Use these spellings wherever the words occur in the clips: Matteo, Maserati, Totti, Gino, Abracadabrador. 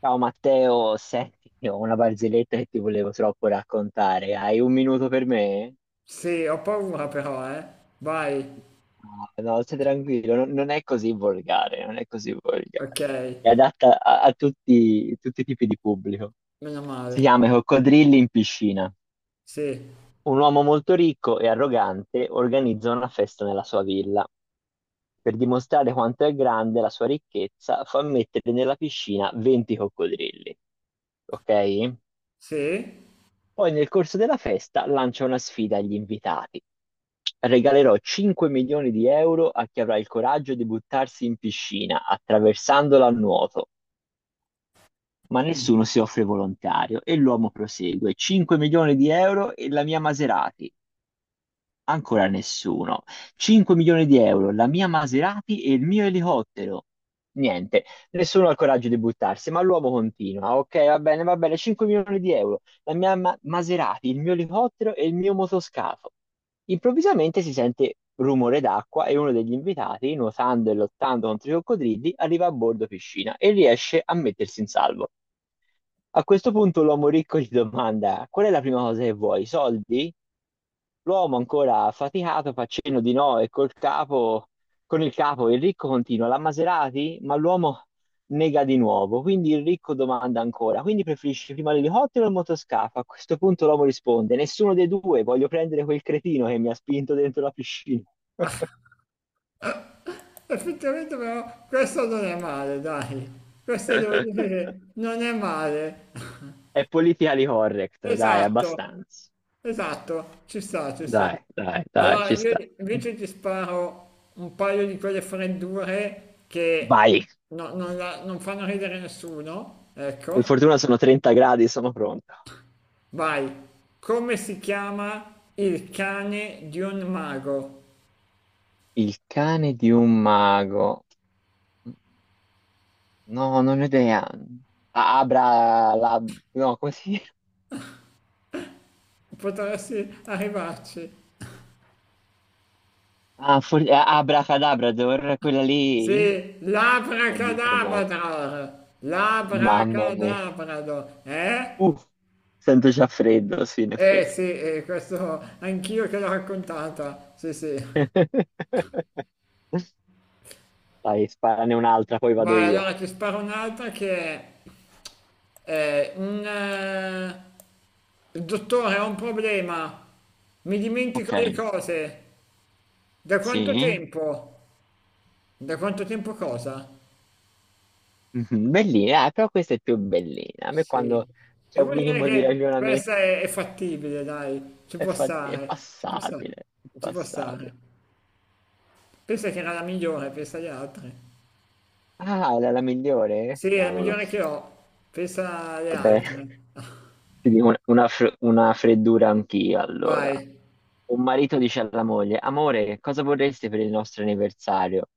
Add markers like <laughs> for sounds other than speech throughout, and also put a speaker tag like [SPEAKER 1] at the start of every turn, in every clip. [SPEAKER 1] Ciao Matteo, senti, <laughs> ho una barzelletta che ti volevo troppo raccontare. Hai un minuto per me?
[SPEAKER 2] Sì, ho paura però, eh. Vai.
[SPEAKER 1] No, no, stai tranquillo, non è così volgare, non è così volgare.
[SPEAKER 2] Ok,
[SPEAKER 1] È adatta a tutti, tutti i tipi di pubblico.
[SPEAKER 2] meno
[SPEAKER 1] Si
[SPEAKER 2] male.
[SPEAKER 1] chiama I Coccodrilli in piscina.
[SPEAKER 2] Sì,
[SPEAKER 1] Un uomo molto ricco e arrogante organizza una festa nella sua villa. Per dimostrare quanto è grande la sua ricchezza, fa mettere nella piscina 20 coccodrilli. Ok?
[SPEAKER 2] sì.
[SPEAKER 1] Poi nel corso della festa lancia una sfida agli invitati. Regalerò 5 milioni di euro a chi avrà il coraggio di buttarsi in piscina attraversandola a nuoto. Ma
[SPEAKER 2] Mm.
[SPEAKER 1] nessuno si offre volontario e l'uomo prosegue. 5 milioni di euro e la mia Maserati. Ancora nessuno. 5 milioni di euro, la mia Maserati e il mio elicottero. Niente, nessuno ha il coraggio di buttarsi, ma l'uomo continua. Ok, va bene, 5 milioni di euro, la mia Maserati, il mio elicottero e il mio motoscafo. Improvvisamente si sente rumore d'acqua e uno degli invitati, nuotando e lottando contro i coccodrilli, arriva a bordo piscina e riesce a mettersi in salvo. A questo punto l'uomo ricco gli domanda: Qual è la prima cosa che vuoi? Soldi? L'uomo ancora affaticato fa cenno di no e col capo, con il capo il ricco continua: La Maserati? Ma l'uomo nega di nuovo. Quindi il ricco domanda ancora: Quindi preferisci prima l'elicottero o il motoscafo? A questo punto l'uomo risponde: Nessuno dei due, voglio prendere quel cretino che mi ha spinto dentro la piscina.
[SPEAKER 2] Effettivamente però questo non è male, dai. Questo devo dire che
[SPEAKER 1] <laughs>
[SPEAKER 2] non è male. <laughs>
[SPEAKER 1] È politically correct, dai,
[SPEAKER 2] Esatto,
[SPEAKER 1] abbastanza.
[SPEAKER 2] esatto. Ci sta, ci sta.
[SPEAKER 1] Dai, dai, dai,
[SPEAKER 2] Allora,
[SPEAKER 1] ci
[SPEAKER 2] io
[SPEAKER 1] sta.
[SPEAKER 2] invece ti sparo un paio di quelle freddure che
[SPEAKER 1] Vai.
[SPEAKER 2] non, non fanno ridere nessuno,
[SPEAKER 1] Per
[SPEAKER 2] ecco.
[SPEAKER 1] fortuna sono 30 gradi, sono pronto.
[SPEAKER 2] Vai. Come si chiama il cane di un mago?
[SPEAKER 1] Il cane di un mago. No, non ho idea. Abra, la, no, come si
[SPEAKER 2] Potresti arrivarci.
[SPEAKER 1] Ah, Abracadabrador, quella
[SPEAKER 2] Sì,
[SPEAKER 1] lì? Oddio, tremendo.
[SPEAKER 2] l'abracadabrador,
[SPEAKER 1] Mamma mia.
[SPEAKER 2] l'abracadabrador, eh?
[SPEAKER 1] Uff, sento già freddo, sì, in
[SPEAKER 2] Eh sì,
[SPEAKER 1] effetti.
[SPEAKER 2] questo anch'io che l'ho raccontata, sì sì.
[SPEAKER 1] <laughs> Dai, sparane un'altra, poi vado
[SPEAKER 2] Vai,
[SPEAKER 1] io.
[SPEAKER 2] allora ti sparo un'altra che è... Eh, un, eh, il dottore, ho un problema. Mi dimentico
[SPEAKER 1] Ok,
[SPEAKER 2] le cose. Da quanto
[SPEAKER 1] sì.
[SPEAKER 2] tempo? Da quanto tempo cosa?
[SPEAKER 1] Mhm, Bellina, però questa è più bellina. A me
[SPEAKER 2] Sì.
[SPEAKER 1] quando c'è
[SPEAKER 2] Devo
[SPEAKER 1] un
[SPEAKER 2] dire
[SPEAKER 1] minimo di
[SPEAKER 2] che
[SPEAKER 1] ragionamento
[SPEAKER 2] questa è fattibile, dai. Ci
[SPEAKER 1] è,
[SPEAKER 2] può
[SPEAKER 1] è
[SPEAKER 2] stare, ci può stare,
[SPEAKER 1] passabile, è
[SPEAKER 2] ci può
[SPEAKER 1] passabile.
[SPEAKER 2] stare. Pensa che era la migliore, pensa alle altre.
[SPEAKER 1] Ah, era la migliore?
[SPEAKER 2] Sì, è la
[SPEAKER 1] Cavolo.
[SPEAKER 2] migliore che ho, pensa alle
[SPEAKER 1] Vabbè,
[SPEAKER 2] altre.
[SPEAKER 1] ti dico una freddura anch'io, allora.
[SPEAKER 2] Vai.
[SPEAKER 1] Un marito dice alla moglie, amore, cosa vorresti per il nostro anniversario?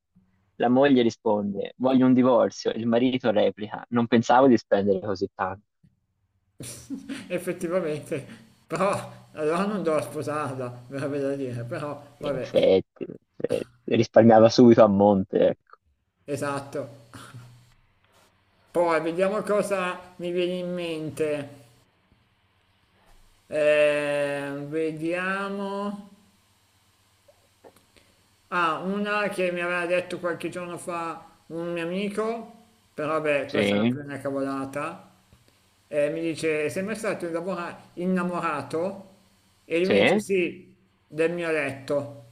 [SPEAKER 1] La moglie risponde, voglio un divorzio. Il marito replica, non pensavo di spendere così tanto.
[SPEAKER 2] <laughs> Effettivamente. Però allora non devo sposarla, verrebbe da dire, però
[SPEAKER 1] In
[SPEAKER 2] vabbè,
[SPEAKER 1] effetti, in effetti. Risparmiava subito a monte, ecco.
[SPEAKER 2] esatto. Poi vediamo cosa mi viene in mente. Vediamo. Ah, una che mi aveva detto qualche giorno fa un mio amico, però beh, questa è una più
[SPEAKER 1] Sì,
[SPEAKER 2] una cavolata, mi dice, sei mai stato innamorato? E lui mi dice,
[SPEAKER 1] sì.
[SPEAKER 2] sì, del mio letto.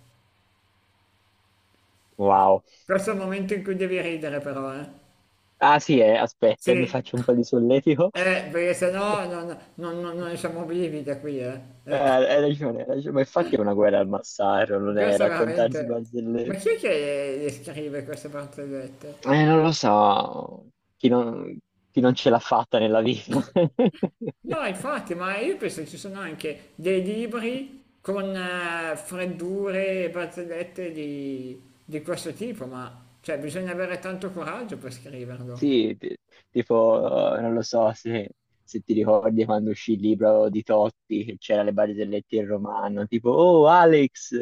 [SPEAKER 1] Wow.
[SPEAKER 2] Questo è il momento in cui devi ridere però, eh.
[SPEAKER 1] Ah, sì,
[SPEAKER 2] Sì,
[SPEAKER 1] aspetta, mi faccio un po' di solletico.
[SPEAKER 2] perché
[SPEAKER 1] <laughs>
[SPEAKER 2] sennò non siamo vivi da qui, eh. Eh.
[SPEAKER 1] Hai ragione, ma infatti è una guerra al massacro, non è
[SPEAKER 2] Questo è
[SPEAKER 1] raccontarsi
[SPEAKER 2] veramente. Ma
[SPEAKER 1] barzellette.
[SPEAKER 2] chi è che le scrive queste barzellette?
[SPEAKER 1] Non lo so, chi non, chi non ce l'ha fatta nella vita.
[SPEAKER 2] No,
[SPEAKER 1] <laughs>
[SPEAKER 2] infatti, ma io penso che ci sono anche dei libri con freddure e barzellette di questo tipo, ma cioè, bisogna avere tanto coraggio per scriverlo.
[SPEAKER 1] Sì, tipo, non lo so se ti ricordi quando uscì il libro di Totti, che c'era le barzellette in romano, tipo, oh Alex,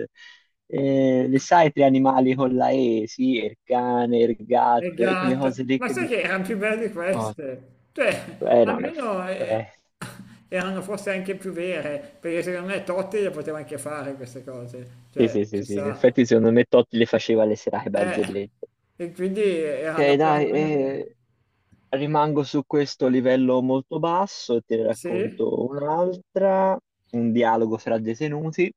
[SPEAKER 1] le sai tre animali con la E? Sì, il cane, il
[SPEAKER 2] E
[SPEAKER 1] gatto, e quelle
[SPEAKER 2] gatto,
[SPEAKER 1] cose lì
[SPEAKER 2] ma
[SPEAKER 1] che
[SPEAKER 2] sai
[SPEAKER 1] dici,
[SPEAKER 2] che erano più belle di
[SPEAKER 1] "Oh,
[SPEAKER 2] queste? Cioè,
[SPEAKER 1] non è...
[SPEAKER 2] almeno erano forse anche più vere, perché secondo me Totti le poteva anche fare queste cose,
[SPEAKER 1] Sì, sì,
[SPEAKER 2] cioè,
[SPEAKER 1] sì,
[SPEAKER 2] ci
[SPEAKER 1] sì, in
[SPEAKER 2] sta.
[SPEAKER 1] effetti secondo me Totti le faceva le serate
[SPEAKER 2] Eh,
[SPEAKER 1] barzellette.
[SPEAKER 2] e quindi
[SPEAKER 1] Ok,
[SPEAKER 2] erano
[SPEAKER 1] dai,
[SPEAKER 2] perlomeno vere.
[SPEAKER 1] rimango su questo livello molto basso e te ne
[SPEAKER 2] Sì?
[SPEAKER 1] racconto un'altra, un dialogo tra detenuti.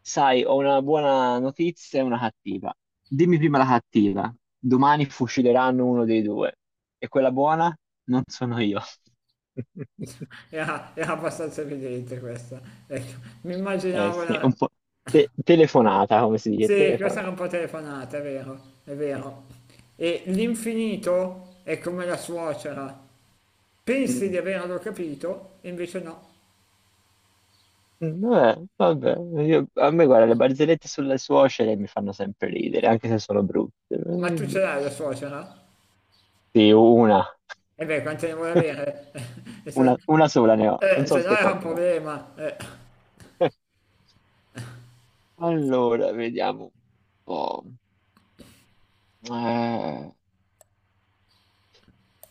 [SPEAKER 1] Sai, ho una buona notizia e una cattiva. Dimmi prima la cattiva. Domani fucileranno uno dei due. E quella buona? Non sono io. <laughs>
[SPEAKER 2] Era abbastanza evidente questa. Ecco, mi
[SPEAKER 1] Eh
[SPEAKER 2] immaginavo
[SPEAKER 1] sì, un
[SPEAKER 2] la.
[SPEAKER 1] po' telefonata, come si dice,
[SPEAKER 2] Sì, questa era un
[SPEAKER 1] telefonata.
[SPEAKER 2] po' telefonata, è vero, è
[SPEAKER 1] Eh.
[SPEAKER 2] vero. E l'infinito è come la suocera. Pensi di
[SPEAKER 1] Mm.
[SPEAKER 2] averlo capito, e invece no.
[SPEAKER 1] Vabbè, vabbè, a me guarda,
[SPEAKER 2] Ma,
[SPEAKER 1] le barzellette sulle suocere mi fanno sempre ridere, anche se sono brutte.
[SPEAKER 2] ma tu ce l'hai la suocera?
[SPEAKER 1] Sì, una,
[SPEAKER 2] E beh, quante ne vuoi
[SPEAKER 1] <laughs>
[SPEAKER 2] avere? <laughs> E
[SPEAKER 1] una sola ne ho, non
[SPEAKER 2] se
[SPEAKER 1] so
[SPEAKER 2] no
[SPEAKER 1] te
[SPEAKER 2] era un
[SPEAKER 1] quante ne ho.
[SPEAKER 2] problema.
[SPEAKER 1] <laughs> Allora, vediamo un po'. Eh,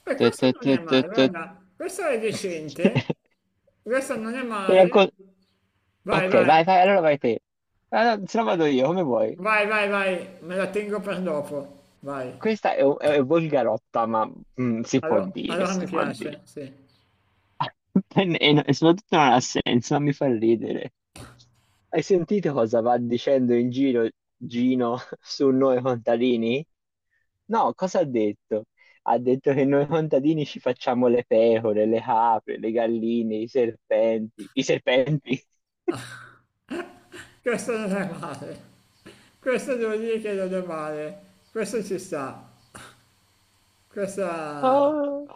[SPEAKER 2] Beh,
[SPEAKER 1] te,
[SPEAKER 2] questo
[SPEAKER 1] te,
[SPEAKER 2] non
[SPEAKER 1] te,
[SPEAKER 2] è
[SPEAKER 1] te,
[SPEAKER 2] male,
[SPEAKER 1] te.
[SPEAKER 2] guarda, questo è decente,
[SPEAKER 1] <laughs>
[SPEAKER 2] questo non è
[SPEAKER 1] Ti raccon-
[SPEAKER 2] male. Vai,
[SPEAKER 1] Ok,
[SPEAKER 2] vai.
[SPEAKER 1] vai, vai, allora vai te. Ah, no, se no vado io, come vuoi.
[SPEAKER 2] Vai, vai, vai, me la tengo per dopo. Vai.
[SPEAKER 1] Questa è volgarotta, ma si può dire,
[SPEAKER 2] Allora, mi
[SPEAKER 1] si può dire.
[SPEAKER 2] piace, sì.
[SPEAKER 1] <laughs> E soprattutto non ha senso, ma mi fa ridere. Hai sentito cosa va dicendo in giro Gino <laughs> su noi contadini? No, cosa ha detto? Ha detto che noi contadini ci facciamo le pecore, le capre, le galline, i serpenti. I serpenti?
[SPEAKER 2] Questo non è male. Questo devo dire che non è male. Questo ci sta. Questa
[SPEAKER 1] Ah,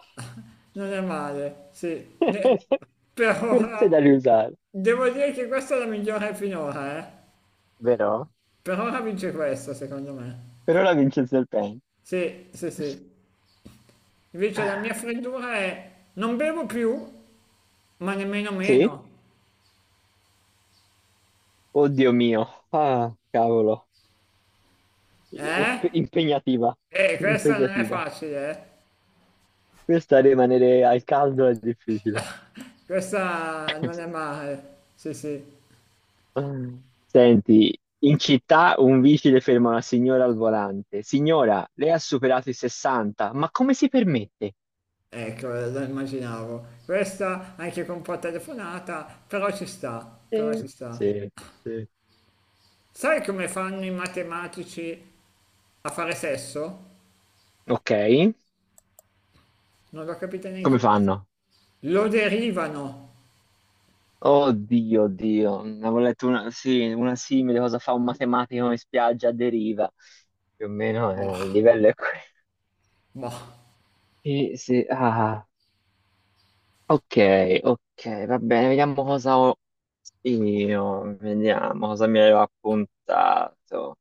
[SPEAKER 2] non è male, sì.
[SPEAKER 1] <laughs>
[SPEAKER 2] Per
[SPEAKER 1] questo è
[SPEAKER 2] ora
[SPEAKER 1] da riusare,
[SPEAKER 2] devo dire che questa è la migliore finora, eh.
[SPEAKER 1] vero?
[SPEAKER 2] Per ora vince questa, secondo me.
[SPEAKER 1] Per ora vince il serpente.
[SPEAKER 2] Sì, sì, sì. Invece la mia freddura è non bevo più, ma nemmeno
[SPEAKER 1] Sì?
[SPEAKER 2] meno.
[SPEAKER 1] Oddio mio. Ah, cavolo.
[SPEAKER 2] Eh?
[SPEAKER 1] Impegnativa.
[SPEAKER 2] E questa non è
[SPEAKER 1] Impegnativa.
[SPEAKER 2] facile, eh?
[SPEAKER 1] Questa rimanere al caldo è difficile.
[SPEAKER 2] Questa non è
[SPEAKER 1] <laughs>
[SPEAKER 2] male, sì sì,
[SPEAKER 1] Senti, in città un vigile ferma una signora al volante. Signora, lei ha superato i 60, ma come si permette?
[SPEAKER 2] ecco, lo immaginavo. Questa anche con un po' telefonata, però ci sta, però
[SPEAKER 1] Sì,
[SPEAKER 2] ci sta.
[SPEAKER 1] sì, sì.
[SPEAKER 2] Sai come fanno i matematici a fare sesso?
[SPEAKER 1] Ok,
[SPEAKER 2] Non l'ho capita neanche
[SPEAKER 1] come
[SPEAKER 2] io questa.
[SPEAKER 1] fanno?
[SPEAKER 2] Lo derivano.
[SPEAKER 1] Oddio, oddio, ne avevo letto una, sì, una simile, cosa fa un matematico in spiaggia a deriva. Più o meno il
[SPEAKER 2] Bah,
[SPEAKER 1] livello è quello.
[SPEAKER 2] bah.
[SPEAKER 1] Sì, sì, ah, ok, ok, va bene, vediamo cosa ho io, vediamo cosa mi avevo appuntato.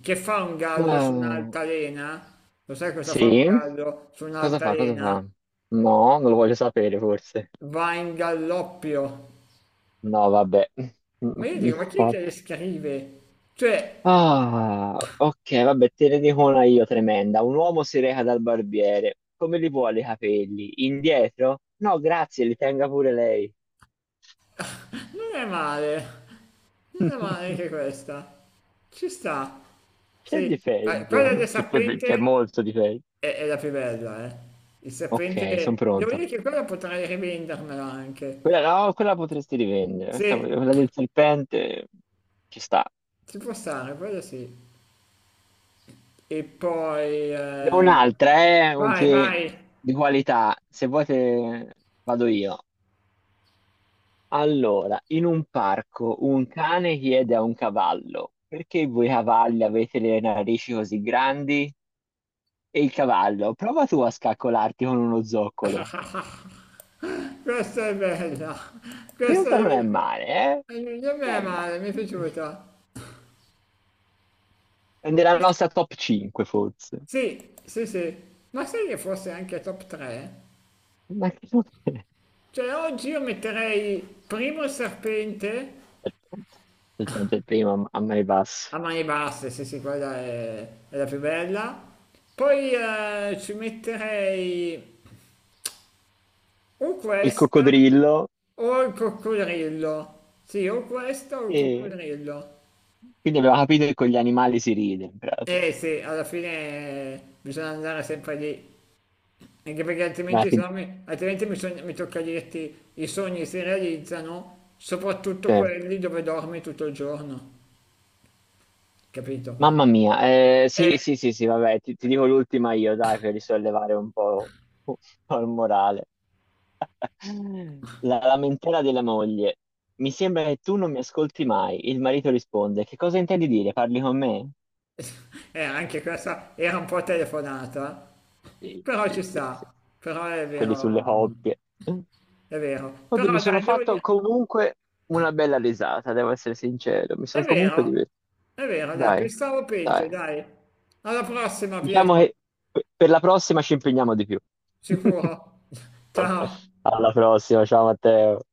[SPEAKER 2] Che fa un gallo su
[SPEAKER 1] Eh,
[SPEAKER 2] un'altalena? Lo sai cosa fa un
[SPEAKER 1] sì?
[SPEAKER 2] gallo su
[SPEAKER 1] Cosa fa? Cosa fa?
[SPEAKER 2] un'altalena?
[SPEAKER 1] No, non lo voglio sapere forse.
[SPEAKER 2] Va in galloppio.
[SPEAKER 1] No, vabbè. <laughs>
[SPEAKER 2] Ma
[SPEAKER 1] No,
[SPEAKER 2] io dico, ma chi è
[SPEAKER 1] vabbè.
[SPEAKER 2] che le scrive? Cioè,
[SPEAKER 1] Ah, ok, vabbè, te ne dico una io tremenda. Un uomo si reca dal barbiere. Come li vuole i capelli? Indietro? No, grazie, li tenga pure lei.
[SPEAKER 2] non è male. Non è male
[SPEAKER 1] <laughs>
[SPEAKER 2] anche questa. Ci sta.
[SPEAKER 1] C'è di
[SPEAKER 2] Sì. Ah, quella
[SPEAKER 1] peggio.
[SPEAKER 2] del
[SPEAKER 1] C'è
[SPEAKER 2] serpente
[SPEAKER 1] molto di peggio.
[SPEAKER 2] è la più bella, eh.
[SPEAKER 1] Ok, sono
[SPEAKER 2] Devo
[SPEAKER 1] pronto.
[SPEAKER 2] dire che quella potrei rivendermela anche.
[SPEAKER 1] Quella, no, quella potresti rivendere.
[SPEAKER 2] Sì,
[SPEAKER 1] Quella del serpente ci sta.
[SPEAKER 2] ci può stare, quella sì. E poi...
[SPEAKER 1] Ne ho
[SPEAKER 2] eh,
[SPEAKER 1] un'altra è
[SPEAKER 2] Vai,
[SPEAKER 1] che
[SPEAKER 2] vai.
[SPEAKER 1] di qualità, se vuoi vado io. Allora, in un parco un cane chiede a un cavallo, perché voi cavalli avete le narici così grandi? E il cavallo, prova tu a scaccolarti con uno zoccolo.
[SPEAKER 2] <laughs> Questa è bella. Questa
[SPEAKER 1] Questa non è
[SPEAKER 2] è...
[SPEAKER 1] male, eh?
[SPEAKER 2] Non mi
[SPEAKER 1] Non
[SPEAKER 2] è
[SPEAKER 1] è male.
[SPEAKER 2] male, mi è piaciuta.
[SPEAKER 1] È nella
[SPEAKER 2] Questa-
[SPEAKER 1] nostra top 5 forse.
[SPEAKER 2] Sì, sì, sì. Ma sai che forse anche top 3?
[SPEAKER 1] Ma che cos'è?
[SPEAKER 2] Cioè oggi io metterei primo il serpente
[SPEAKER 1] Aspetta, aspetta, il primo a mani
[SPEAKER 2] a
[SPEAKER 1] basse.
[SPEAKER 2] mani basse, sì sì, quella è la più bella. Poi ci metterei o
[SPEAKER 1] Il
[SPEAKER 2] questa
[SPEAKER 1] coccodrillo.
[SPEAKER 2] o il coccodrillo. Sì, o questo o il
[SPEAKER 1] E
[SPEAKER 2] coccodrillo.
[SPEAKER 1] quindi abbiamo capito che con gli animali si ride, in pratica.
[SPEAKER 2] Eh sì, alla fine bisogna andare sempre lì. Anche perché
[SPEAKER 1] Dai,
[SPEAKER 2] altrimenti, se
[SPEAKER 1] ti-
[SPEAKER 2] no mi, altrimenti mi, sogn- mi tocca dirti i sogni si realizzano, soprattutto
[SPEAKER 1] eh,
[SPEAKER 2] quelli dove dormi tutto il giorno, capito?
[SPEAKER 1] Mamma mia,
[SPEAKER 2] Eh,
[SPEAKER 1] sì, sì, sì, sì, vabbè, ti dico l'ultima io, dai, per risollevare un po' il morale. La lamentela della moglie. Mi sembra che tu non mi ascolti mai. Il marito risponde, che cosa intendi dire? Parli con me?
[SPEAKER 2] anche questa era un po' telefonata,
[SPEAKER 1] Sì,
[SPEAKER 2] però ci
[SPEAKER 1] sì, sì, sì.
[SPEAKER 2] sta, però
[SPEAKER 1] Quelli sulle coppie.
[SPEAKER 2] è vero,
[SPEAKER 1] Oddio, mi
[SPEAKER 2] però
[SPEAKER 1] sono
[SPEAKER 2] dai, devo
[SPEAKER 1] fatto
[SPEAKER 2] dire,
[SPEAKER 1] comunque una bella risata, devo essere sincero. Mi
[SPEAKER 2] è
[SPEAKER 1] sono comunque
[SPEAKER 2] vero,
[SPEAKER 1] divertito.
[SPEAKER 2] è vero, dai,
[SPEAKER 1] Dai,
[SPEAKER 2] pensavo peggio,
[SPEAKER 1] dai.
[SPEAKER 2] dai, alla prossima
[SPEAKER 1] Diciamo
[SPEAKER 2] Pietro,
[SPEAKER 1] che per la prossima ci impegniamo di più. <laughs>
[SPEAKER 2] sicuro, <laughs> ciao.
[SPEAKER 1] Alla prossima, ciao Matteo.